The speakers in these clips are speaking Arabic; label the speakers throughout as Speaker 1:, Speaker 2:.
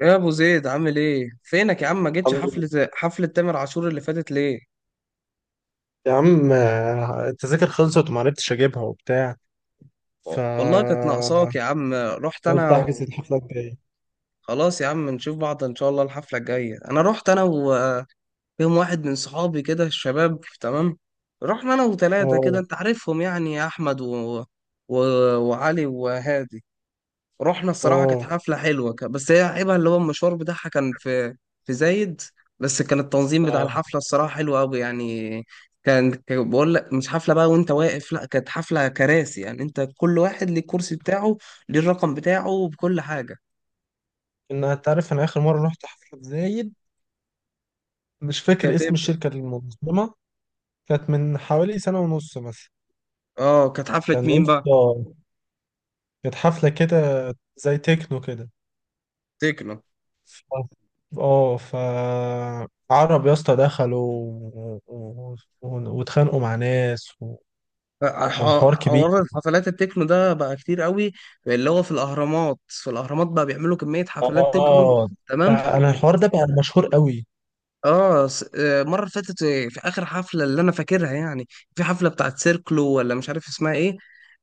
Speaker 1: يا ابو زيد، عامل ايه؟ فينك يا عم؟ ما جيتش
Speaker 2: الحمد لله.
Speaker 1: حفله تامر عاشور اللي فاتت ليه؟
Speaker 2: يا عم، التذاكر خلصت وما عرفتش اجيبها وبتاع. ف
Speaker 1: والله كانت ناقصاك يا عم. رحت
Speaker 2: قلت
Speaker 1: انا
Speaker 2: احجز
Speaker 1: و...
Speaker 2: الحفله الجايه.
Speaker 1: خلاص يا عم، نشوف بعض ان شاء الله الحفله الجايه. انا رحت، انا ويوم واحد من صحابي كده، الشباب تمام. رحنا انا وثلاثه كده،
Speaker 2: اه.
Speaker 1: انت عارفهم يعني: يا احمد و... وعلي وهادي. رحنا، الصراحة كانت
Speaker 2: اه.
Speaker 1: حفلة حلوة، بس هي عيبها اللي هو المشوار بتاعها كان في زايد. بس كان التنظيم بتاع
Speaker 2: لا.
Speaker 1: الحفلة الصراحة حلو أوي يعني. كان بقول لك مش حفلة بقى وأنت واقف، لأ كانت حفلة كراسي يعني، أنت كل واحد ليه الكرسي بتاعه، ليه الرقم بتاعه، بكل حاجة.
Speaker 2: انت عارف انا اخر مره رحت حفله في زايد. مش فاكر
Speaker 1: كانت
Speaker 2: اسم
Speaker 1: إمتى؟
Speaker 2: الشركه المنظمه. كانت من حوالي سنه ونص مثلا.
Speaker 1: أه، كانت حفلة
Speaker 2: كان يا
Speaker 1: مين بقى؟
Speaker 2: اسطى، كانت حفله كده زي تكنو كده.
Speaker 1: تكنو.
Speaker 2: ف- اه ف عرب يا اسطى دخلوا، و- و- واتخانقوا مع ناس، وكان حوار كبير.
Speaker 1: حوار الحفلات التكنو ده بقى كتير قوي، اللي هو في الأهرامات. بقى بيعملوا كمية حفلات تكنو،
Speaker 2: اه، ده
Speaker 1: تمام.
Speaker 2: انا الحوار ده بقى مشهور قوي.
Speaker 1: اه، المره اللي فاتت، في اخر حفله اللي انا فاكرها يعني، في حفله بتاعت سيركلو، ولا مش عارف اسمها ايه.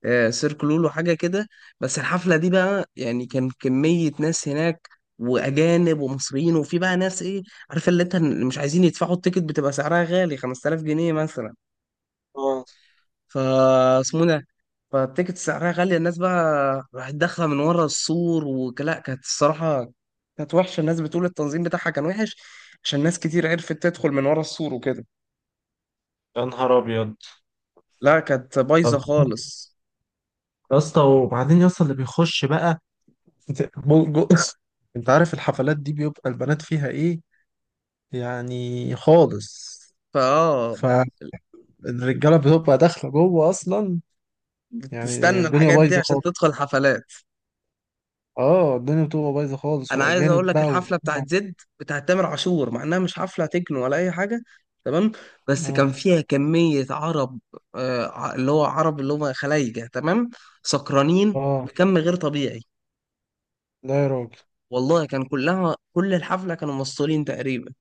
Speaker 1: سيركلو لو حاجه كده. بس الحفله دي بقى يعني، كان كميه ناس هناك، واجانب ومصريين، وفي بقى ناس، ايه عارفه، اللي انت مش عايزين يدفعوا التيكت، بتبقى سعرها غالي، 5000 جنيه مثلا.
Speaker 2: اه،
Speaker 1: فاسمه ده. فالتيكت سعرها غالية، الناس بقى راحت داخلة من ورا السور، ولا كانت، الصراحة كانت وحشة. الناس بتقول التنظيم بتاعها كان وحش، عشان ناس كتير عرفت تدخل من ورا السور وكده.
Speaker 2: يا نهار ابيض.
Speaker 1: لا، كانت بايظة
Speaker 2: طب
Speaker 1: خالص.
Speaker 2: يا اسطى، وبعدين يا اسطى اللي بيخش بقى جو- جو- انت عارف الحفلات دي بيبقى البنات فيها ايه، يعني خالص.
Speaker 1: فاه،
Speaker 2: فالرجاله بتبقى داخله جوه اصلا. يعني
Speaker 1: بتستنى
Speaker 2: الدنيا
Speaker 1: الحاجات دي
Speaker 2: بايظه
Speaker 1: عشان
Speaker 2: خالص.
Speaker 1: تدخل حفلات.
Speaker 2: اه، الدنيا بتبقى بايظه خالص
Speaker 1: انا عايز اقول
Speaker 2: واجانب
Speaker 1: لك
Speaker 2: بقى و...
Speaker 1: الحفله بتاعت زد، بتاعت تامر عاشور، مع انها مش حفله تكنو ولا اي حاجه، تمام، بس
Speaker 2: اه.
Speaker 1: كان فيها كميه عرب. اللي هو عرب، اللي هم خلايجه تمام، سكرانين
Speaker 2: اه.
Speaker 1: بكم غير طبيعي.
Speaker 2: لا يا راجل.
Speaker 1: والله كان كل الحفله كانوا مسطولين تقريبا.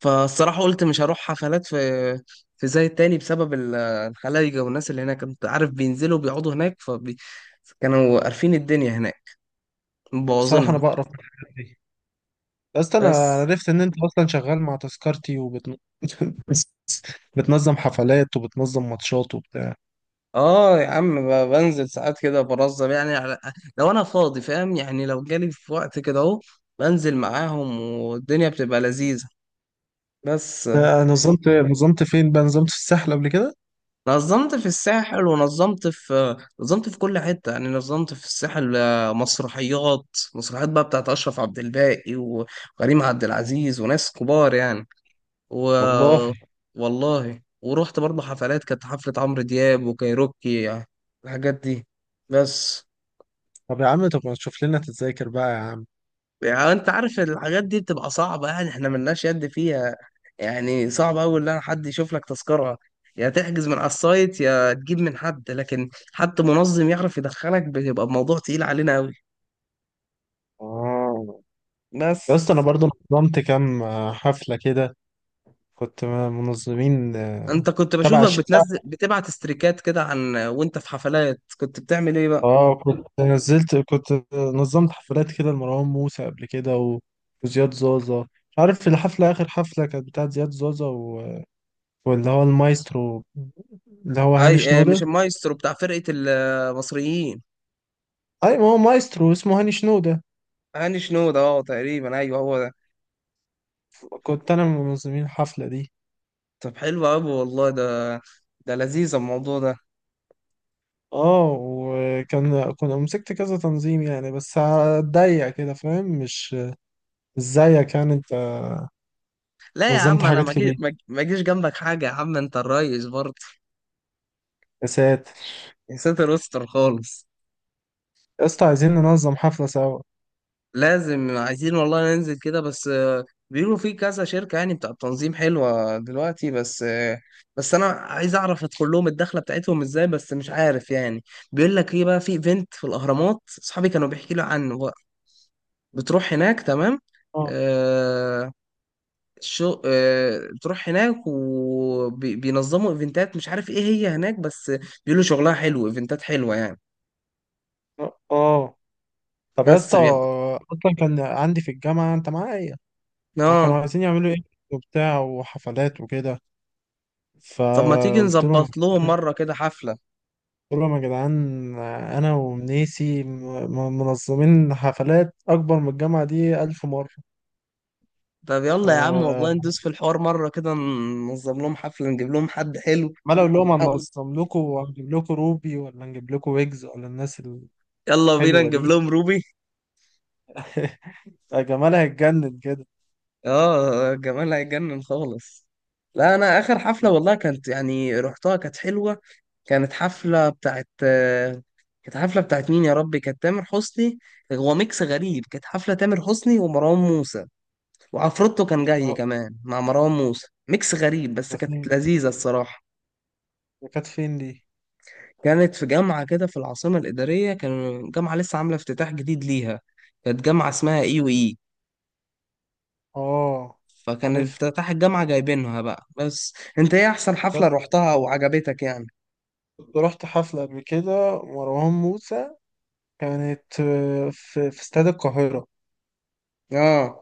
Speaker 1: فالصراحه قلت مش هروح حفلات في زي التاني، بسبب الخلايجه والناس اللي هناك. انت عارف، بينزلوا بيقعدوا هناك، فكانوا قارفين الدنيا هناك،
Speaker 2: بصراحه انا
Speaker 1: مبوظينها.
Speaker 2: بقرف من الحاجات دي، بس انا
Speaker 1: بس.
Speaker 2: عرفت ان انت اصلا شغال مع تذكرتي، وبتنقذ، بتنظم حفلات وبتنظم ماتشات وبتاع.
Speaker 1: اه يا عم، بنزل ساعات كده برزم يعني، على لو انا فاضي، فاهم يعني؟ لو جالي في وقت كده اهو، بنزل معاهم والدنيا بتبقى لذيذة. بس.
Speaker 2: نظمت فين بقى؟ نظمت في الساحل قبل كده.
Speaker 1: نظمت في الساحل، ونظمت في كل حتة يعني، نظمت في الساحل. مسرحيات، بقى بتاعت أشرف عبد الباقي وكريم عبد العزيز وناس كبار يعني. و
Speaker 2: والله.
Speaker 1: والله، ورحت برضه حفلات، كانت حفلة عمرو دياب وكايروكي يعني، الحاجات دي. بس.
Speaker 2: طب يا عم، طب ما تشوف لنا تتذاكر بقى يا عم.
Speaker 1: يعني انت عارف الحاجات دي بتبقى صعبة يعني، احنا ملناش يد فيها، يعني صعب اوي ان حد يشوف لك تذكرة. يا تحجز من على السايت، يا تجيب من حد، لكن حتى منظم يعرف يدخلك بيبقى الموضوع تقيل علينا اوي.
Speaker 2: اه.
Speaker 1: بس.
Speaker 2: يا اسطى، انا برضو نظمت كام حفلة كده، كنت منظمين.
Speaker 1: انت كنت
Speaker 2: تبع
Speaker 1: بشوفك
Speaker 2: ش...
Speaker 1: بتنزل، بتبعت استريكات كده، عن وانت في حفلات كنت بتعمل ايه بقى؟
Speaker 2: اه، كنت نظمت حفلات كده لمروان موسى قبل كده و... وزياد زازا. مش عارف الحفلة، آخر حفلة كانت بتاعت زياد زازا و... واللي هو المايسترو، اللي هو هاني
Speaker 1: اي اه،
Speaker 2: شنودة.
Speaker 1: مش المايسترو بتاع فرقة المصريين؟
Speaker 2: اي ما هو مايسترو اسمه هاني شنودة.
Speaker 1: هاني شنودة، اه تقريبا ايوه هو ده.
Speaker 2: كنت انا من منظمين الحفلة دي.
Speaker 1: طب حلو اوي والله ده، ده لذيذ الموضوع ده.
Speaker 2: اه، وكان كنا مسكت كذا تنظيم يعني، بس هتضيق كده، فاهم. مش زيك يعني انت.
Speaker 1: لا يا
Speaker 2: نظمت
Speaker 1: عم، انا
Speaker 2: حاجات كبيرة.
Speaker 1: ما اجيش جنبك حاجه يا عم، انت الريس برضه.
Speaker 2: يا ساتر.
Speaker 1: يا ساتر، استر خالص.
Speaker 2: يا اسطى، عايزين ننظم حفلة سوا.
Speaker 1: لازم عايزين، والله ننزل كده، بس بيقولوا في كذا شركه يعني بتاع التنظيم حلوه دلوقتي، بس بس انا عايز اعرف ادخل لهم الدخله بتاعتهم ازاي، بس مش عارف يعني. بيقول لك ايه بقى، في ايفنت في الاهرامات، اصحابي كانوا بيحكي لي عنه بقى، بتروح هناك تمام.
Speaker 2: اه.
Speaker 1: آه. شو آه، تروح هناك وبينظموا ايفنتات، مش عارف ايه هي هناك، بس بيقولوا شغلها حلو، ايفنتات حلوة يعني.
Speaker 2: اه. طب يا
Speaker 1: بس
Speaker 2: اسطى،
Speaker 1: بي...
Speaker 2: اصلا كان عندي في الجامعة انت معايا، كانوا
Speaker 1: اه،
Speaker 2: عايزين يعملوا ايه وبتاع وحفلات وكده.
Speaker 1: طب ما تيجي
Speaker 2: فقلت لهم،
Speaker 1: نظبط لهم مرة كده حفلة.
Speaker 2: قول لهم يا جدعان، انا ومنيسي منظمين حفلات اكبر من الجامعه دي الف مره.
Speaker 1: طب يلا يا عم، والله
Speaker 2: فعمال
Speaker 1: ندوس في الحوار مرة كده، ننظم لهم حفلة، نجيب لهم حد حلو
Speaker 2: اقول لهم
Speaker 1: ونحاول-
Speaker 2: هننظم لكم، وهنجيب لكم روبي، ولا هنجيب لكم ويجز، ولا الناس
Speaker 1: يلا بينا
Speaker 2: الحلوه
Speaker 1: نجيب
Speaker 2: دي.
Speaker 1: لهم روبي.
Speaker 2: يا جمال هيتجنن كده.
Speaker 1: اه، جمال هيجنن خالص. لا، انا اخر حفلة والله كانت يعني رحتها، كانت حلوة. كانت حفلة بتاعت كانت حفلة بتاعت مين يا ربي؟ كانت تامر حسني. هو ميكس غريب، كانت حفلة تامر حسني ومروان موسى، وعفروتو كان جاي
Speaker 2: اه.
Speaker 1: كمان مع مروان موسى، ميكس غريب بس
Speaker 2: ده
Speaker 1: كانت
Speaker 2: فين؟
Speaker 1: لذيذة الصراحة.
Speaker 2: ده كانت فين دي؟
Speaker 1: كانت في جامعة كده في العاصمة الإدارية، كان جامعة لسه عاملة افتتاح جديد ليها. كانت جامعة اسمها اي وإي،
Speaker 2: اه،
Speaker 1: فكان
Speaker 2: عارف.
Speaker 1: افتتاح الجامعة جايبينها بقى. بس انت، ايه احسن حفلة
Speaker 2: بس
Speaker 1: روحتها وعجبتك يعني؟
Speaker 2: كنت رحت حفله قبل كده مروان موسى، كانت في استاد القاهره.
Speaker 1: اه،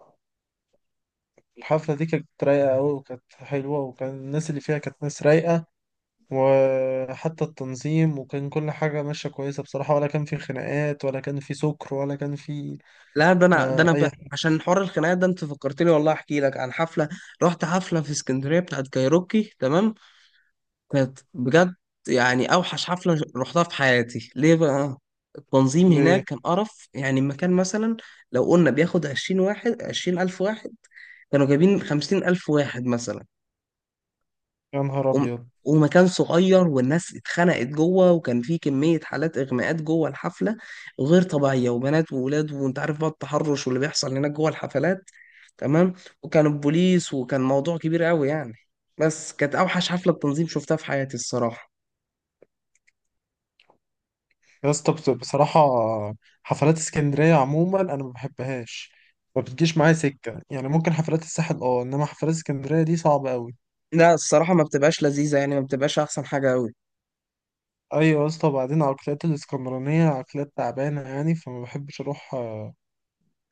Speaker 2: الحفله دي كانت رايقه قوي، وكانت حلوه، وكان الناس اللي فيها كانت ناس رايقه، وحتى التنظيم، وكان كل حاجة ماشية كويسة بصراحة، ولا كان في خناقات، ولا كان في سكر، ولا كان في
Speaker 1: لا
Speaker 2: أي حاجة.
Speaker 1: عشان حوار الخناقات ده، انت فكرتني والله احكي لك عن حفله. رحت حفله في اسكندريه بتاعت كايروكي، تمام، كانت بجد يعني اوحش حفله رحتها في حياتي. ليه بقى؟ التنظيم
Speaker 2: ليه؟
Speaker 1: هناك كان قرف. يعني المكان مثلا، لو قلنا بياخد 20 واحد، 20 الف واحد كانوا جايبين، 50 الف واحد مثلا.
Speaker 2: يا نهار
Speaker 1: وم...
Speaker 2: أبيض.
Speaker 1: ومكان صغير، والناس اتخنقت جوه، وكان في كمية حالات إغماءات جوه الحفلة غير طبيعية، وبنات وولاد وانت عارف بقى التحرش واللي بيحصل هناك جوه الحفلات، تمام. وكان البوليس، وكان موضوع كبير قوي يعني. بس كانت اوحش حفلة تنظيم شفتها في حياتي الصراحة.
Speaker 2: يا اسطى، بصراحة، حفلات اسكندرية عموما أنا ما بحبهاش، ما بتجيش معايا سكة. يعني ممكن حفلات الساحل اه، إنما حفلات اسكندرية دي صعبة أوي.
Speaker 1: لا، الصراحة ما بتبقاش لذيذة يعني، ما بتبقاش احسن حاجة قوي.
Speaker 2: أيوة يا اسطى، وبعدين عقليات الإسكندرانية عقليات تعبانة يعني، فما بحبش أروح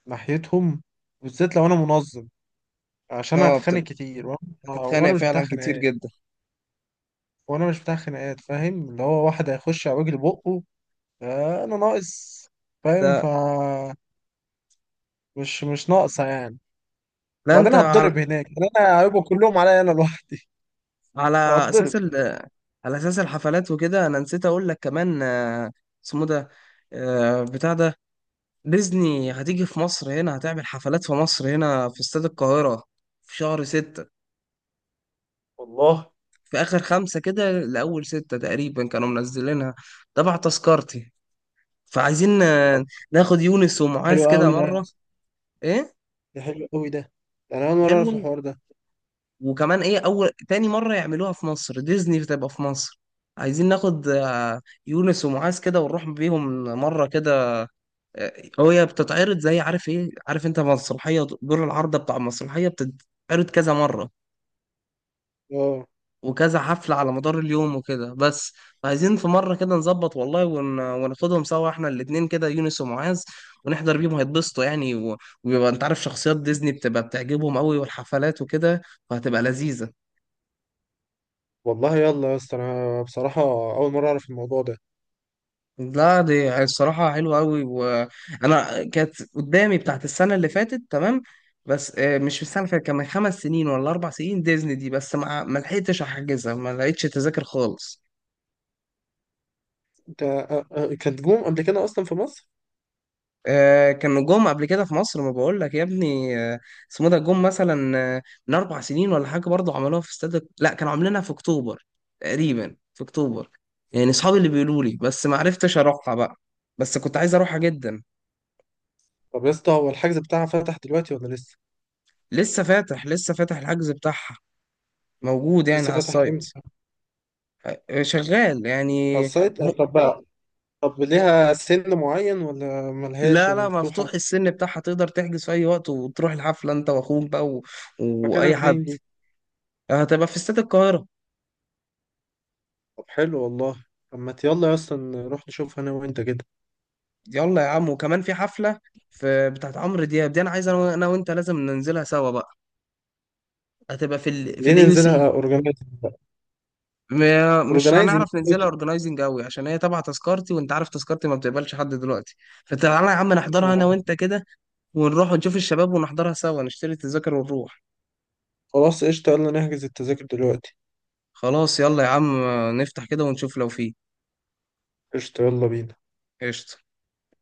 Speaker 2: ناحيتهم، بالذات لو أنا منظم. عشان
Speaker 1: اه.
Speaker 2: هتخانق كتير، وأنا
Speaker 1: بتتخانق
Speaker 2: وأنا مش بتاع
Speaker 1: فعلا كتير
Speaker 2: خناقات.
Speaker 1: جدا.
Speaker 2: وانا مش بتاع خناقات، فاهم؟ اللي هو واحد هيخش على وجه بقه، انا ناقص؟ فاهم.
Speaker 1: ده،
Speaker 2: مش ناقصه يعني.
Speaker 1: لا انت
Speaker 2: وبعدين
Speaker 1: على،
Speaker 2: هتضرب هناك يعني، انا هيبقوا كلهم عليا انا لوحدي.
Speaker 1: على اساس
Speaker 2: فهتضرب.
Speaker 1: ال... على اساس الحفلات وكده، انا نسيت اقول لك كمان. اسمه ده، بتاع ده: ديزني هتيجي في مصر هنا، هتعمل حفلات في مصر هنا في استاد القاهرة في شهر 6.
Speaker 2: والله.
Speaker 1: في آخر 5 كده لأول 6 تقريبا كانوا منزلينها، تبع تذكرتي. فعايزين
Speaker 2: طب
Speaker 1: ناخد يونس
Speaker 2: حلو
Speaker 1: ومعاذ كده
Speaker 2: قوي ده يا
Speaker 1: مرة.
Speaker 2: اسطى.
Speaker 1: إيه،
Speaker 2: ده حلو قوي ده. ده انا اول مره اعرف
Speaker 1: حلوة.
Speaker 2: الحوار ده.
Speaker 1: وكمان إيه، أول تاني مرة يعملوها في مصر، ديزني بتبقى في مصر. عايزين ناخد يونس ومعاذ كده، ونروح بيهم مرة كده. آه. هي بتتعرض، زي عارف إيه، عارف أنت مسرحية دور العارضة، بتاع المسرحية بتتعرض كذا مرة
Speaker 2: اه.
Speaker 1: وكذا حفلة على مدار اليوم وكده. بس عايزين في مرة كده نظبط والله، وناخدهم سوا احنا الاتنين كده، يونس ومعاذ، ونحضر بيهم هيتبسطوا يعني. ويبقى انت عارف، شخصيات ديزني بتبقى بتعجبهم قوي، والحفلات وكده، فهتبقى لذيذة.
Speaker 2: والله، يلا يا اسطى، انا بصراحه اول مره اعرف الموضوع ده.
Speaker 1: لا، دي الصراحة حلوة قوي، وانا كانت قدامي بتاعت السنة اللي فاتت، تمام، بس مش في السنة اللي فاتت، كان من 5 سنين ولا 4 سنين ديزني دي، بس ما لحقتش أحجزها، ما لقيتش تذاكر خالص.
Speaker 2: انت كانت جوم قبل كده اصلا في مصر؟
Speaker 1: كانوا جم قبل كده في مصر، ما بقول لك يا ابني. اسمه ده، جم مثلا من 4 سنين ولا حاجه برضه، عملوها في استاد. لا، كانوا عاملينها في اكتوبر، تقريبا في اكتوبر يعني، اصحابي اللي بيقولوا لي، بس ما عرفتش اروحها بقى، بس كنت عايز اروحها جدا.
Speaker 2: طب يا اسطى، هو الحجز بتاعها فتح دلوقتي ولا لسه؟
Speaker 1: لسه فاتح، الحجز بتاعها موجود يعني
Speaker 2: لسه
Speaker 1: على
Speaker 2: فتح
Speaker 1: السايت.
Speaker 2: امتى؟
Speaker 1: شغال
Speaker 2: على
Speaker 1: يعني.
Speaker 2: السايت
Speaker 1: م...
Speaker 2: طب. طب ليها سن معين ولا ملهاش،
Speaker 1: لا
Speaker 2: يعني
Speaker 1: لا،
Speaker 2: مفتوحة؟
Speaker 1: مفتوح. السن بتاعها تقدر تحجز في اي وقت، وتروح الحفله انت واخوك بقى
Speaker 2: مكانها
Speaker 1: واي حد.
Speaker 2: فين دي؟
Speaker 1: هتبقى في استاد القاهره.
Speaker 2: طب حلو والله. طب ما يلا اصلا نروح نشوفها انا وانت كده.
Speaker 1: يلا يا عم، وكمان في حفلة، بتاعت عمرو دياب دي، انا عايز انا أنا وانت لازم ننزلها سوا بقى. هتبقى في
Speaker 2: ليه
Speaker 1: اليو سي.
Speaker 2: ننزلها اورجنايزنج بقى،
Speaker 1: مش
Speaker 2: اورجنايزنج.
Speaker 1: هنعرف ننزلها اورجنايزنج قوي، عشان هي تبع تذكرتي، وانت عارف تذكرتي ما بتقبلش حد دلوقتي. فتعالى يا عم نحضرها انا وانت كده، ونروح ونشوف الشباب، ونحضرها سوا، نشتري التذاكر ونروح.
Speaker 2: خلاص قشطة، يلا نحجز التذاكر دلوقتي.
Speaker 1: خلاص يلا يا عم، نفتح كده ونشوف لو فيه.
Speaker 2: قشطة يلا بينا.
Speaker 1: قشطة.